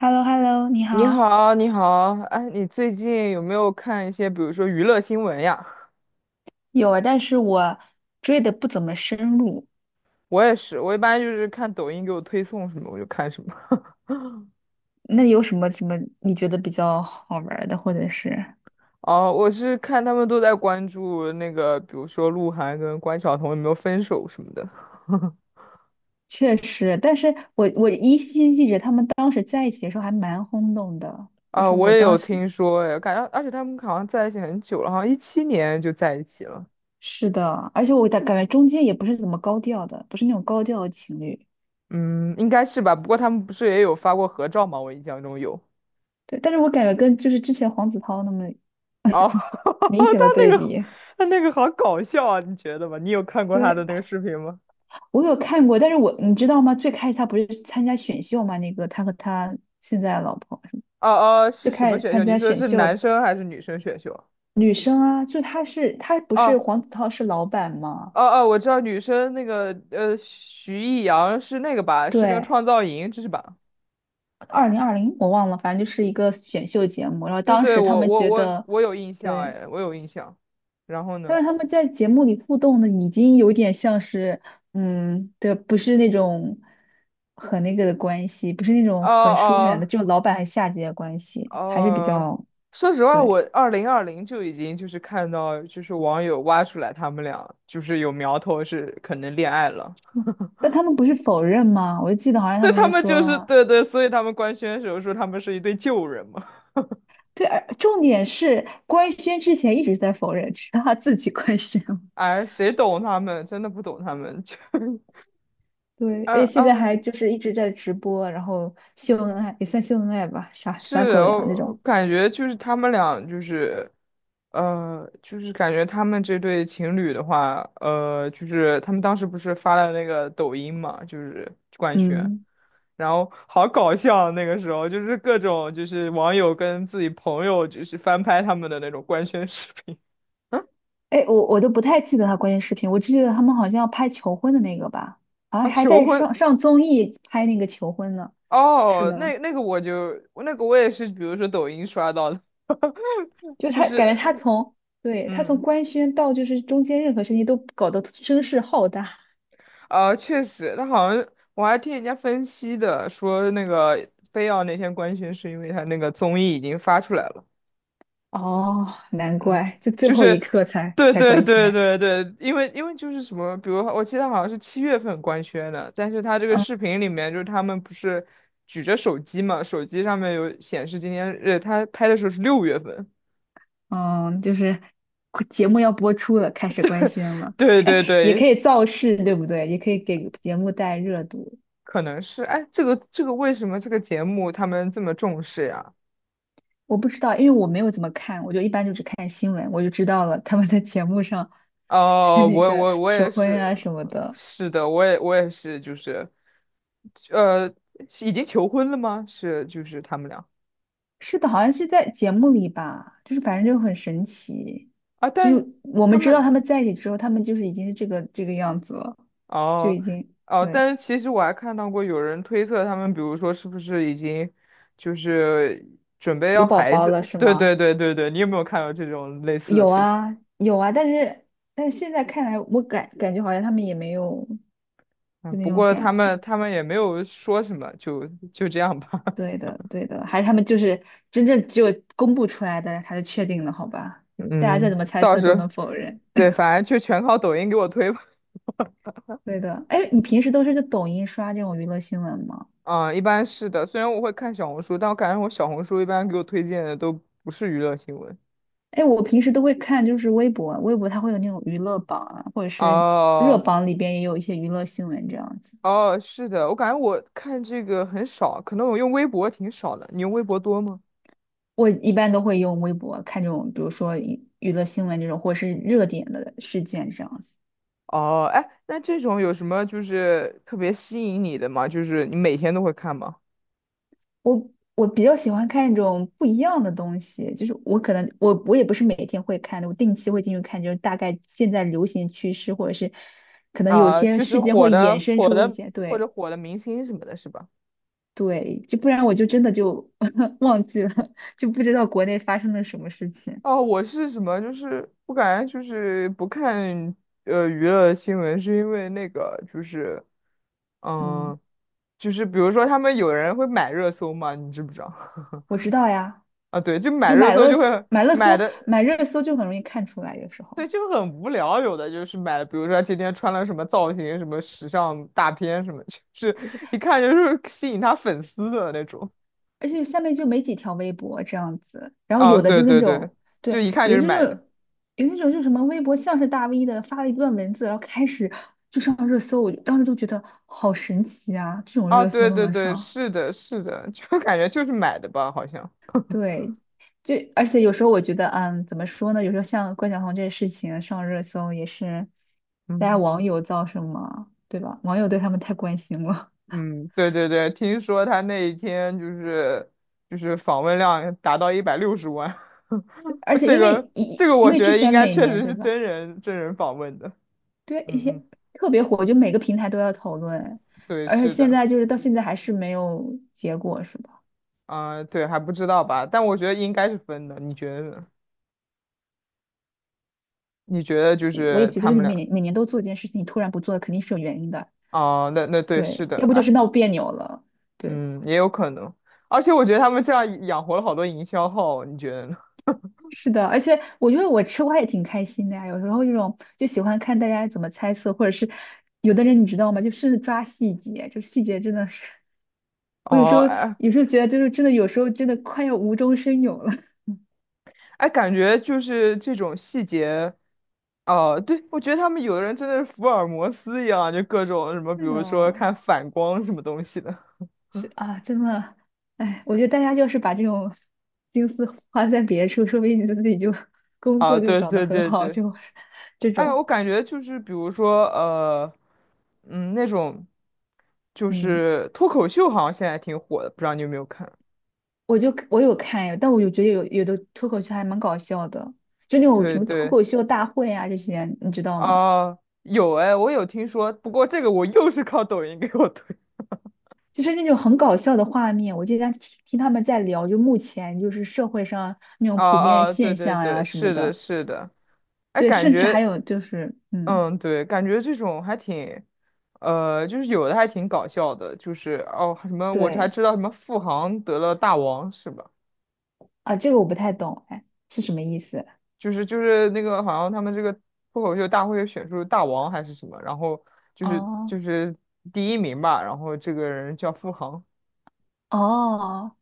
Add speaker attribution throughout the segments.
Speaker 1: h e l l o h e l l o 你
Speaker 2: 你
Speaker 1: 好。
Speaker 2: 好，你好，哎，你最近有没有看一些，比如说娱乐新闻呀？
Speaker 1: 有啊，但是我追的不怎么深入。
Speaker 2: 我也是，我一般就是看抖音给我推送什么，我就看什么。
Speaker 1: 那有什么你觉得比较好玩儿的，或者是？
Speaker 2: 哦，我是看他们都在关注那个，比如说鹿晗跟关晓彤有没有分手什么的。
Speaker 1: 确实，但是我依稀记着他们当时在一起的时候还蛮轰动的，就
Speaker 2: 啊、
Speaker 1: 是
Speaker 2: 我
Speaker 1: 我
Speaker 2: 也有
Speaker 1: 当时
Speaker 2: 听说，哎，感觉而且他们好像在一起很久了，好像17年就在一起了。
Speaker 1: 是的，而且我感觉中间也不是怎么高调的，不是那种高调的情侣。
Speaker 2: 嗯，应该是吧。不过他们不是也有发过合照吗？我印象中有。
Speaker 1: 对，但是我感觉跟就是之前黄子韬那么
Speaker 2: 哦，
Speaker 1: 明显的对比。
Speaker 2: 他那个好搞笑啊，你觉得吗？你有看过他的
Speaker 1: 对，
Speaker 2: 那个视频吗？
Speaker 1: 我有看过，但是我你知道吗？最开始他不是参加选秀嘛，那个他和他现在的老婆。
Speaker 2: 哦哦，
Speaker 1: 就
Speaker 2: 是什
Speaker 1: 开
Speaker 2: 么
Speaker 1: 始
Speaker 2: 选秀？
Speaker 1: 参
Speaker 2: 你
Speaker 1: 加
Speaker 2: 说的
Speaker 1: 选
Speaker 2: 是
Speaker 1: 秀
Speaker 2: 男
Speaker 1: 的
Speaker 2: 生还是女生选秀？
Speaker 1: 女生啊，就她是她不是
Speaker 2: 哦
Speaker 1: 黄子韬是老板吗？
Speaker 2: 哦哦，我知道女生那个徐艺洋是那个吧？是那个
Speaker 1: 对，
Speaker 2: 创造营，这是吧？
Speaker 1: 2020我忘了，反正就是一个选秀节目。然后
Speaker 2: 对
Speaker 1: 当
Speaker 2: 对，
Speaker 1: 时他
Speaker 2: 我
Speaker 1: 们
Speaker 2: 我
Speaker 1: 觉
Speaker 2: 我
Speaker 1: 得，
Speaker 2: 我有印象，
Speaker 1: 对，
Speaker 2: 哎，我有印象。然后呢？
Speaker 1: 但是他们在节目里互动的已经有点像是，嗯，对，不是那种很那个的关系，不是那
Speaker 2: 哦
Speaker 1: 种很疏远的，
Speaker 2: 哦
Speaker 1: 就老板和下级的关系，还是比
Speaker 2: 哦，
Speaker 1: 较
Speaker 2: 说实话，我
Speaker 1: 对。
Speaker 2: 2020就已经就是看到，就是网友挖出来他们俩就是有苗头是可能恋爱了，
Speaker 1: 嗯但他们不是否认吗？我就记得好 像他
Speaker 2: 所以
Speaker 1: 们
Speaker 2: 他
Speaker 1: 就
Speaker 2: 们就是
Speaker 1: 说，
Speaker 2: 对对，所以他们官宣的时候说他们是一对旧人嘛。
Speaker 1: 对，而重点是官宣之前一直在否认，直到他自己官宣了
Speaker 2: 哎，谁懂他们？真的不懂他们。就，
Speaker 1: 对，而
Speaker 2: 嗯
Speaker 1: 且现在
Speaker 2: 嗯，
Speaker 1: 还就是一直在直播，然后秀恩爱也算秀恩爱吧，撒撒
Speaker 2: 是，
Speaker 1: 狗粮这
Speaker 2: 我
Speaker 1: 种。
Speaker 2: 感觉就是他们俩，就是，就是感觉他们这对情侣的话，就是他们当时不是发了那个抖音嘛，就是官宣，
Speaker 1: 嗯，
Speaker 2: 然后好搞笑，那个时候就是各种就是网友跟自己朋友就是翻拍他们的那种官宣视频。
Speaker 1: 哎，我都不太记得他关键视频，我只记得他们好像要拍求婚的那个吧，啊，
Speaker 2: 啊，
Speaker 1: 还
Speaker 2: 求
Speaker 1: 在
Speaker 2: 婚
Speaker 1: 上综艺拍那个求婚呢，是
Speaker 2: 哦，
Speaker 1: 吗？
Speaker 2: 那个我就那个我也是，比如说抖音刷到的，
Speaker 1: 就
Speaker 2: 就
Speaker 1: 他感
Speaker 2: 是
Speaker 1: 觉他从对他从
Speaker 2: 嗯
Speaker 1: 官宣到就是中间任何事情都搞得声势浩大。
Speaker 2: 确实，他好像我还听人家分析的，说那个非要那天官宣是因为他那个综艺已经发出来了，
Speaker 1: 哦，难
Speaker 2: 嗯，
Speaker 1: 怪就最
Speaker 2: 就
Speaker 1: 后
Speaker 2: 是
Speaker 1: 一刻才
Speaker 2: 对
Speaker 1: 才
Speaker 2: 对
Speaker 1: 官
Speaker 2: 对
Speaker 1: 宣。
Speaker 2: 对对，因为就是什么，比如我记得好像是7月份官宣的，但是他这个
Speaker 1: 嗯。
Speaker 2: 视频里面就是他们不是举着手机嘛，手机上面有显示今天，他拍的时候是6月份。
Speaker 1: 嗯，就是节目要播出了，开始官宣了。
Speaker 2: 对
Speaker 1: 哎，
Speaker 2: 对
Speaker 1: 也可
Speaker 2: 对，
Speaker 1: 以造势，对不对？也可以给节目带热度。
Speaker 2: 可能是，哎，这个为什么这个节目他们这么重视呀？
Speaker 1: 我不知道，因为我没有怎么看，我就一般就只看新闻，我就知道了他们在节目上 在
Speaker 2: 哦，
Speaker 1: 那
Speaker 2: 我
Speaker 1: 个
Speaker 2: 我我
Speaker 1: 求
Speaker 2: 也
Speaker 1: 婚
Speaker 2: 是，
Speaker 1: 啊什么的。
Speaker 2: 是的，我也是，就是，呃，是已经求婚了吗？是，就是他们俩
Speaker 1: 是的，好像是在节目里吧，就是反正就很神奇，
Speaker 2: 啊，
Speaker 1: 就
Speaker 2: 但
Speaker 1: 是我
Speaker 2: 他
Speaker 1: 们知道他
Speaker 2: 们
Speaker 1: 们在一起之后，他们就是已经是这个这个样子了，就
Speaker 2: 哦
Speaker 1: 已经
Speaker 2: 哦，
Speaker 1: 对
Speaker 2: 但是其实我还看到过有人推测他们，比如说是不是已经就是准备
Speaker 1: 有
Speaker 2: 要
Speaker 1: 宝
Speaker 2: 孩
Speaker 1: 宝
Speaker 2: 子？
Speaker 1: 了，是
Speaker 2: 对对
Speaker 1: 吗？
Speaker 2: 对对对，你有没有看到这种类似的
Speaker 1: 有
Speaker 2: 推测？
Speaker 1: 啊有啊，但是但是现在看来，我感觉好像他们也没有
Speaker 2: 嗯，
Speaker 1: 就那
Speaker 2: 不
Speaker 1: 种
Speaker 2: 过
Speaker 1: 感
Speaker 2: 他
Speaker 1: 觉。
Speaker 2: 们他们也没有说什么，就这样吧。
Speaker 1: 对的对的，还是他们就是真正只有公布出来的，他就确定了，好吧？大家再
Speaker 2: 嗯，
Speaker 1: 怎么猜
Speaker 2: 倒
Speaker 1: 测都
Speaker 2: 是，
Speaker 1: 能否认。
Speaker 2: 对，反正就全靠抖音给我推吧。
Speaker 1: 对的，哎，你平时都是在抖音刷这种娱乐新闻吗？
Speaker 2: 嗯，一般是的，虽然我会看小红书，但我感觉我小红书一般给我推荐的都不是娱乐新闻。
Speaker 1: 哎，我平时都会看，就是微博，微博它会有那种娱乐榜啊，或者是热
Speaker 2: 哦
Speaker 1: 榜里边也有一些娱乐新闻这样子。
Speaker 2: 哦，是的，我感觉我看这个很少，可能我用微博挺少的。你用微博多吗？
Speaker 1: 我一般都会用微博看这种，比如说娱乐新闻这种，或者是热点的事件这样子。
Speaker 2: 哦，哎，那这种有什么就是特别吸引你的吗？就是你每天都会看吗？
Speaker 1: 我我比较喜欢看一种不一样的东西，就是我可能我也不是每天会看的，我定期会进去看，就是大概现在流行趋势，或者是可能有
Speaker 2: 啊、
Speaker 1: 些
Speaker 2: 就是
Speaker 1: 事件
Speaker 2: 火
Speaker 1: 会衍
Speaker 2: 的
Speaker 1: 生
Speaker 2: 火
Speaker 1: 出一
Speaker 2: 的
Speaker 1: 些，
Speaker 2: 或者
Speaker 1: 对
Speaker 2: 火的明星什么的，是吧？
Speaker 1: 对，就不然我就真的就 忘记了，就不知道国内发生了什么事情。
Speaker 2: 哦，我是什么？就是我感觉就是不看娱乐新闻，是因为那个就是，
Speaker 1: 嗯，
Speaker 2: 嗯、就是比如说他们有人会买热搜嘛，你知不知道？
Speaker 1: 我知道呀，
Speaker 2: 啊，对，就买
Speaker 1: 就
Speaker 2: 热
Speaker 1: 买
Speaker 2: 搜
Speaker 1: 热
Speaker 2: 就
Speaker 1: 搜
Speaker 2: 会
Speaker 1: 买热
Speaker 2: 买
Speaker 1: 搜
Speaker 2: 的，
Speaker 1: 买热搜就很容易看出来，有时候。
Speaker 2: 对，就很无聊。有的就是买，的，比如说他今天穿了什么造型、什么时尚大片什么，就是
Speaker 1: 对对
Speaker 2: 一看就是吸引他粉丝的那种。
Speaker 1: 而且下面就没几条微博这样子，然后
Speaker 2: 啊，
Speaker 1: 有的
Speaker 2: 对
Speaker 1: 就是那
Speaker 2: 对对，
Speaker 1: 种，
Speaker 2: 就
Speaker 1: 对，
Speaker 2: 一看就
Speaker 1: 有的
Speaker 2: 是
Speaker 1: 就是
Speaker 2: 买的。
Speaker 1: 有那种就是什么微博像是大 V 的发了一段文字，然后开始就上热搜，我就当时就觉得好神奇啊，这种
Speaker 2: 啊，
Speaker 1: 热搜
Speaker 2: 对
Speaker 1: 都
Speaker 2: 对
Speaker 1: 能
Speaker 2: 对，
Speaker 1: 上，
Speaker 2: 是的，是的，就感觉就是买的吧，好像。
Speaker 1: 对，就而且有时候我觉得，嗯，怎么说呢？有时候像关晓彤这个事情上热搜也是大家
Speaker 2: 嗯
Speaker 1: 网友造成嘛，对吧？网友对他们太关心了，
Speaker 2: 嗯，对对对，听说他那一天就是访问量达到160万，
Speaker 1: 而 且
Speaker 2: 这
Speaker 1: 因
Speaker 2: 个
Speaker 1: 为
Speaker 2: 这
Speaker 1: 因
Speaker 2: 个
Speaker 1: 因
Speaker 2: 我
Speaker 1: 为
Speaker 2: 觉
Speaker 1: 之
Speaker 2: 得应
Speaker 1: 前
Speaker 2: 该
Speaker 1: 每
Speaker 2: 确
Speaker 1: 年
Speaker 2: 实
Speaker 1: 对
Speaker 2: 是
Speaker 1: 吧？
Speaker 2: 真人真人访问的。
Speaker 1: 对，一
Speaker 2: 嗯
Speaker 1: 些
Speaker 2: 嗯，
Speaker 1: 特别火，就每个平台都要讨论，
Speaker 2: 对，
Speaker 1: 而且
Speaker 2: 是
Speaker 1: 现
Speaker 2: 的，
Speaker 1: 在就是到现在还是没有结果，是吧？
Speaker 2: 啊、对，还不知道吧？但我觉得应该是分的，你觉得呢？你觉得就
Speaker 1: 我也
Speaker 2: 是
Speaker 1: 觉得，就
Speaker 2: 他
Speaker 1: 是你
Speaker 2: 们
Speaker 1: 每
Speaker 2: 俩
Speaker 1: 年每年都做一件事情，你突然不做，肯定是有原因的。
Speaker 2: 啊、那对，是
Speaker 1: 对，
Speaker 2: 的，
Speaker 1: 要不就
Speaker 2: 哎，
Speaker 1: 是闹别扭了。对，
Speaker 2: 嗯，也有可能。而且我觉得他们这样养活了好多营销号，你觉得呢？
Speaker 1: 是的，而且我觉得我吃瓜也挺开心的呀，有时候这种就喜欢看大家怎么猜测，或者是有的人你知道吗？就是抓细节，就细节真的是，我有时
Speaker 2: 哦，
Speaker 1: 候
Speaker 2: 哎
Speaker 1: 有时候觉得就是真的，有时候真的快要无中生有了。
Speaker 2: 哎，感觉就是这种细节，哦、对，我觉得他们有的人真的是福尔摩斯一样，就各种什么，比
Speaker 1: 对的，
Speaker 2: 如说看反光什么东西的。
Speaker 1: 是啊，真的，哎，我觉得大家就是把这种心思花在别处，说不定你自己就 工
Speaker 2: 啊，
Speaker 1: 作就
Speaker 2: 对
Speaker 1: 找得
Speaker 2: 对
Speaker 1: 很
Speaker 2: 对
Speaker 1: 好，
Speaker 2: 对，
Speaker 1: 就这
Speaker 2: 哎，我
Speaker 1: 种，
Speaker 2: 感觉就是比如说，嗯，那种就
Speaker 1: 嗯，
Speaker 2: 是脱口秀，好像现在挺火的，不知道你有没有看？
Speaker 1: 我有看，但我有觉得有的脱口秀还蛮搞笑的，就那种
Speaker 2: 对
Speaker 1: 什么脱
Speaker 2: 对，
Speaker 1: 口秀大会啊这些，你知道吗？
Speaker 2: 啊、有哎，我有听说，不过这个我又是靠抖音给我推。
Speaker 1: 就是那种很搞笑的画面，我经常听他们在聊，就目前就是社会上那 种
Speaker 2: 啊
Speaker 1: 普遍
Speaker 2: 啊，对
Speaker 1: 现
Speaker 2: 对
Speaker 1: 象
Speaker 2: 对，
Speaker 1: 呀、什么
Speaker 2: 是的，
Speaker 1: 的，
Speaker 2: 是的。哎，
Speaker 1: 对，
Speaker 2: 感
Speaker 1: 甚至还
Speaker 2: 觉
Speaker 1: 有就是，嗯，
Speaker 2: 嗯，对，感觉这种还挺，就是有的还挺搞笑的，就是哦，什么我还
Speaker 1: 对
Speaker 2: 知道什么付航得了大王是吧？
Speaker 1: 啊，这个我不太懂，哎，是什么意思？
Speaker 2: 就是那个好像他们这个脱口秀大会选出大王还是什么，然后就是
Speaker 1: 哦
Speaker 2: 就是第一名吧，然后这个人叫付航
Speaker 1: 哦，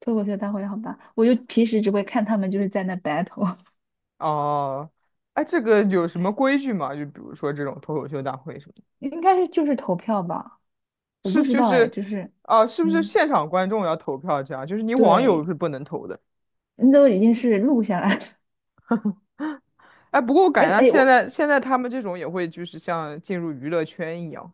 Speaker 1: 脱口秀大会好吧，我就平时只会看他们就是在那 battle,
Speaker 2: 哦，哎，这个有什么规矩吗？就比如说这种脱口秀大会什么的
Speaker 1: 应该是就是投票吧，我不
Speaker 2: 是
Speaker 1: 知
Speaker 2: 就
Speaker 1: 道哎，
Speaker 2: 是，
Speaker 1: 就是
Speaker 2: 啊，是不是
Speaker 1: 嗯，
Speaker 2: 现场观众要投票这样？就是你网友是
Speaker 1: 对，
Speaker 2: 不能投的。
Speaker 1: 那都已经是录下来了
Speaker 2: 哎，不过我
Speaker 1: 而
Speaker 2: 感觉他
Speaker 1: 哎
Speaker 2: 现
Speaker 1: 我
Speaker 2: 在现在他们这种也会就是像进入娱乐圈一样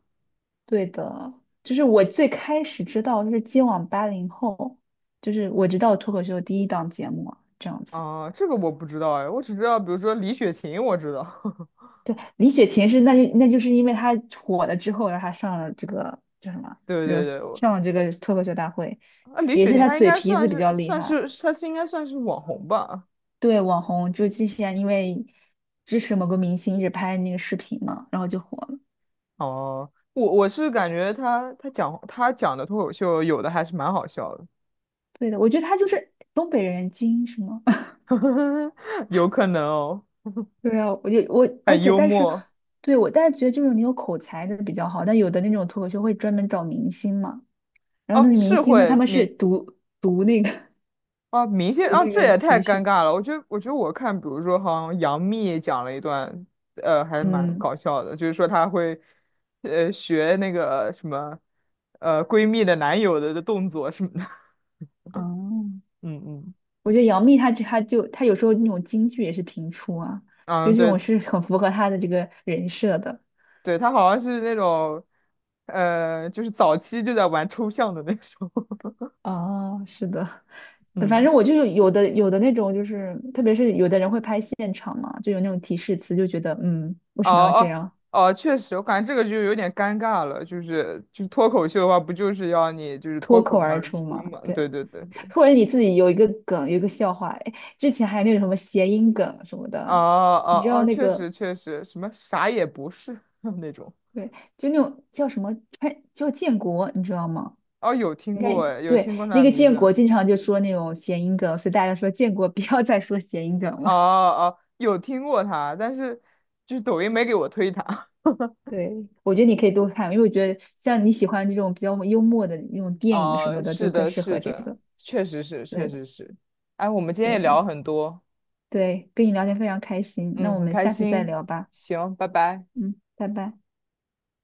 Speaker 1: 对的，就是我最开始知道就是今晚80后，就是我知道脱口秀第一档节目啊这样子。
Speaker 2: 啊，这个我不知道哎，我只知道比如说李雪琴，我知道，
Speaker 1: 对，李雪琴是那是那就是因为她火了之后，然后她上了这个叫什么，
Speaker 2: 对
Speaker 1: 热
Speaker 2: 对对，我
Speaker 1: 上了这个脱口秀大会，
Speaker 2: 啊李
Speaker 1: 也
Speaker 2: 雪
Speaker 1: 是
Speaker 2: 琴
Speaker 1: 她
Speaker 2: 她应
Speaker 1: 嘴
Speaker 2: 该
Speaker 1: 皮
Speaker 2: 算
Speaker 1: 子比
Speaker 2: 是
Speaker 1: 较厉
Speaker 2: 算
Speaker 1: 害。
Speaker 2: 是她是应该算是网红吧？
Speaker 1: 对，网红就是之前因为支持某个明星一直拍那个视频嘛，然后就火了。
Speaker 2: 哦、我是感觉她讲的脱口秀有的还是蛮好笑的，
Speaker 1: 对的，我觉得他就是东北人精英是吗？
Speaker 2: 有可能哦，
Speaker 1: 对啊，我，而
Speaker 2: 很
Speaker 1: 且
Speaker 2: 幽
Speaker 1: 但是，
Speaker 2: 默
Speaker 1: 对我但是觉得就是你有口才的比较好，但有的那种脱口秀会专门找明星嘛，然后
Speaker 2: 哦，
Speaker 1: 那个明
Speaker 2: 是
Speaker 1: 星呢，他
Speaker 2: 会
Speaker 1: 们是
Speaker 2: 明
Speaker 1: 读那个
Speaker 2: 啊，明 星
Speaker 1: 读
Speaker 2: 啊，
Speaker 1: 那
Speaker 2: 这
Speaker 1: 个
Speaker 2: 也太
Speaker 1: 提
Speaker 2: 尴
Speaker 1: 示，
Speaker 2: 尬了。我觉得，我觉得我看，比如说，好像杨幂讲了一段，还蛮
Speaker 1: 嗯，
Speaker 2: 搞笑的，就是说她会，学那个什么，闺蜜的男友的动作什么的。
Speaker 1: 哦，
Speaker 2: 嗯嗯
Speaker 1: 我觉得杨幂她这她就她有时候那种京剧也是评出啊，就
Speaker 2: 嗯，
Speaker 1: 这
Speaker 2: 对
Speaker 1: 种是很符合她的这个人设的。
Speaker 2: 对，她好像是那种，就是早期就在玩抽象的那种。
Speaker 1: 哦，是的。反
Speaker 2: 嗯，
Speaker 1: 正我就是有的那种，就是特别是有的人会拍现场嘛，就有那种提示词，就觉得嗯，为
Speaker 2: 哦
Speaker 1: 什么要这
Speaker 2: 哦
Speaker 1: 样
Speaker 2: 哦，确实，我感觉这个就有点尴尬了。就是脱口秀的话，不就是要你就是脱
Speaker 1: 脱
Speaker 2: 口
Speaker 1: 口而
Speaker 2: 而
Speaker 1: 出
Speaker 2: 出
Speaker 1: 嘛？
Speaker 2: 嘛？对
Speaker 1: 对，
Speaker 2: 对对对。
Speaker 1: 或者你自己有一个梗，有一个笑话，哎，之前还有那种什么谐音梗什么
Speaker 2: 哦
Speaker 1: 的，你知
Speaker 2: 哦
Speaker 1: 道
Speaker 2: 哦，
Speaker 1: 那
Speaker 2: 确实
Speaker 1: 个
Speaker 2: 确实，什么啥也不是 那种。
Speaker 1: 对，就那种叫什么川叫建国，你知道吗？
Speaker 2: 哦，有听
Speaker 1: 应
Speaker 2: 过
Speaker 1: 该
Speaker 2: 诶，有
Speaker 1: 对，
Speaker 2: 听过他
Speaker 1: 那
Speaker 2: 的
Speaker 1: 个
Speaker 2: 名
Speaker 1: 建
Speaker 2: 字。
Speaker 1: 国经常就说那种谐音梗，所以大家说建国 不要再说谐音梗
Speaker 2: 哦
Speaker 1: 了。
Speaker 2: 哦，有听过他，但是就是抖音没给我推他。
Speaker 1: 对，我觉得你可以多看，因为我觉得像你喜欢这种比较幽默的那种 电影什
Speaker 2: 哦，
Speaker 1: 么的，
Speaker 2: 是
Speaker 1: 就更
Speaker 2: 的，
Speaker 1: 适
Speaker 2: 是
Speaker 1: 合这
Speaker 2: 的，
Speaker 1: 个。
Speaker 2: 确实是，确
Speaker 1: 对的，
Speaker 2: 实是。哎，我们今天
Speaker 1: 对
Speaker 2: 也聊了
Speaker 1: 的，
Speaker 2: 很多，
Speaker 1: 对，跟你聊天非常开心，那
Speaker 2: 嗯，
Speaker 1: 我
Speaker 2: 很
Speaker 1: 们
Speaker 2: 开
Speaker 1: 下次再
Speaker 2: 心。
Speaker 1: 聊吧。
Speaker 2: 行，拜拜。
Speaker 1: 嗯，拜拜。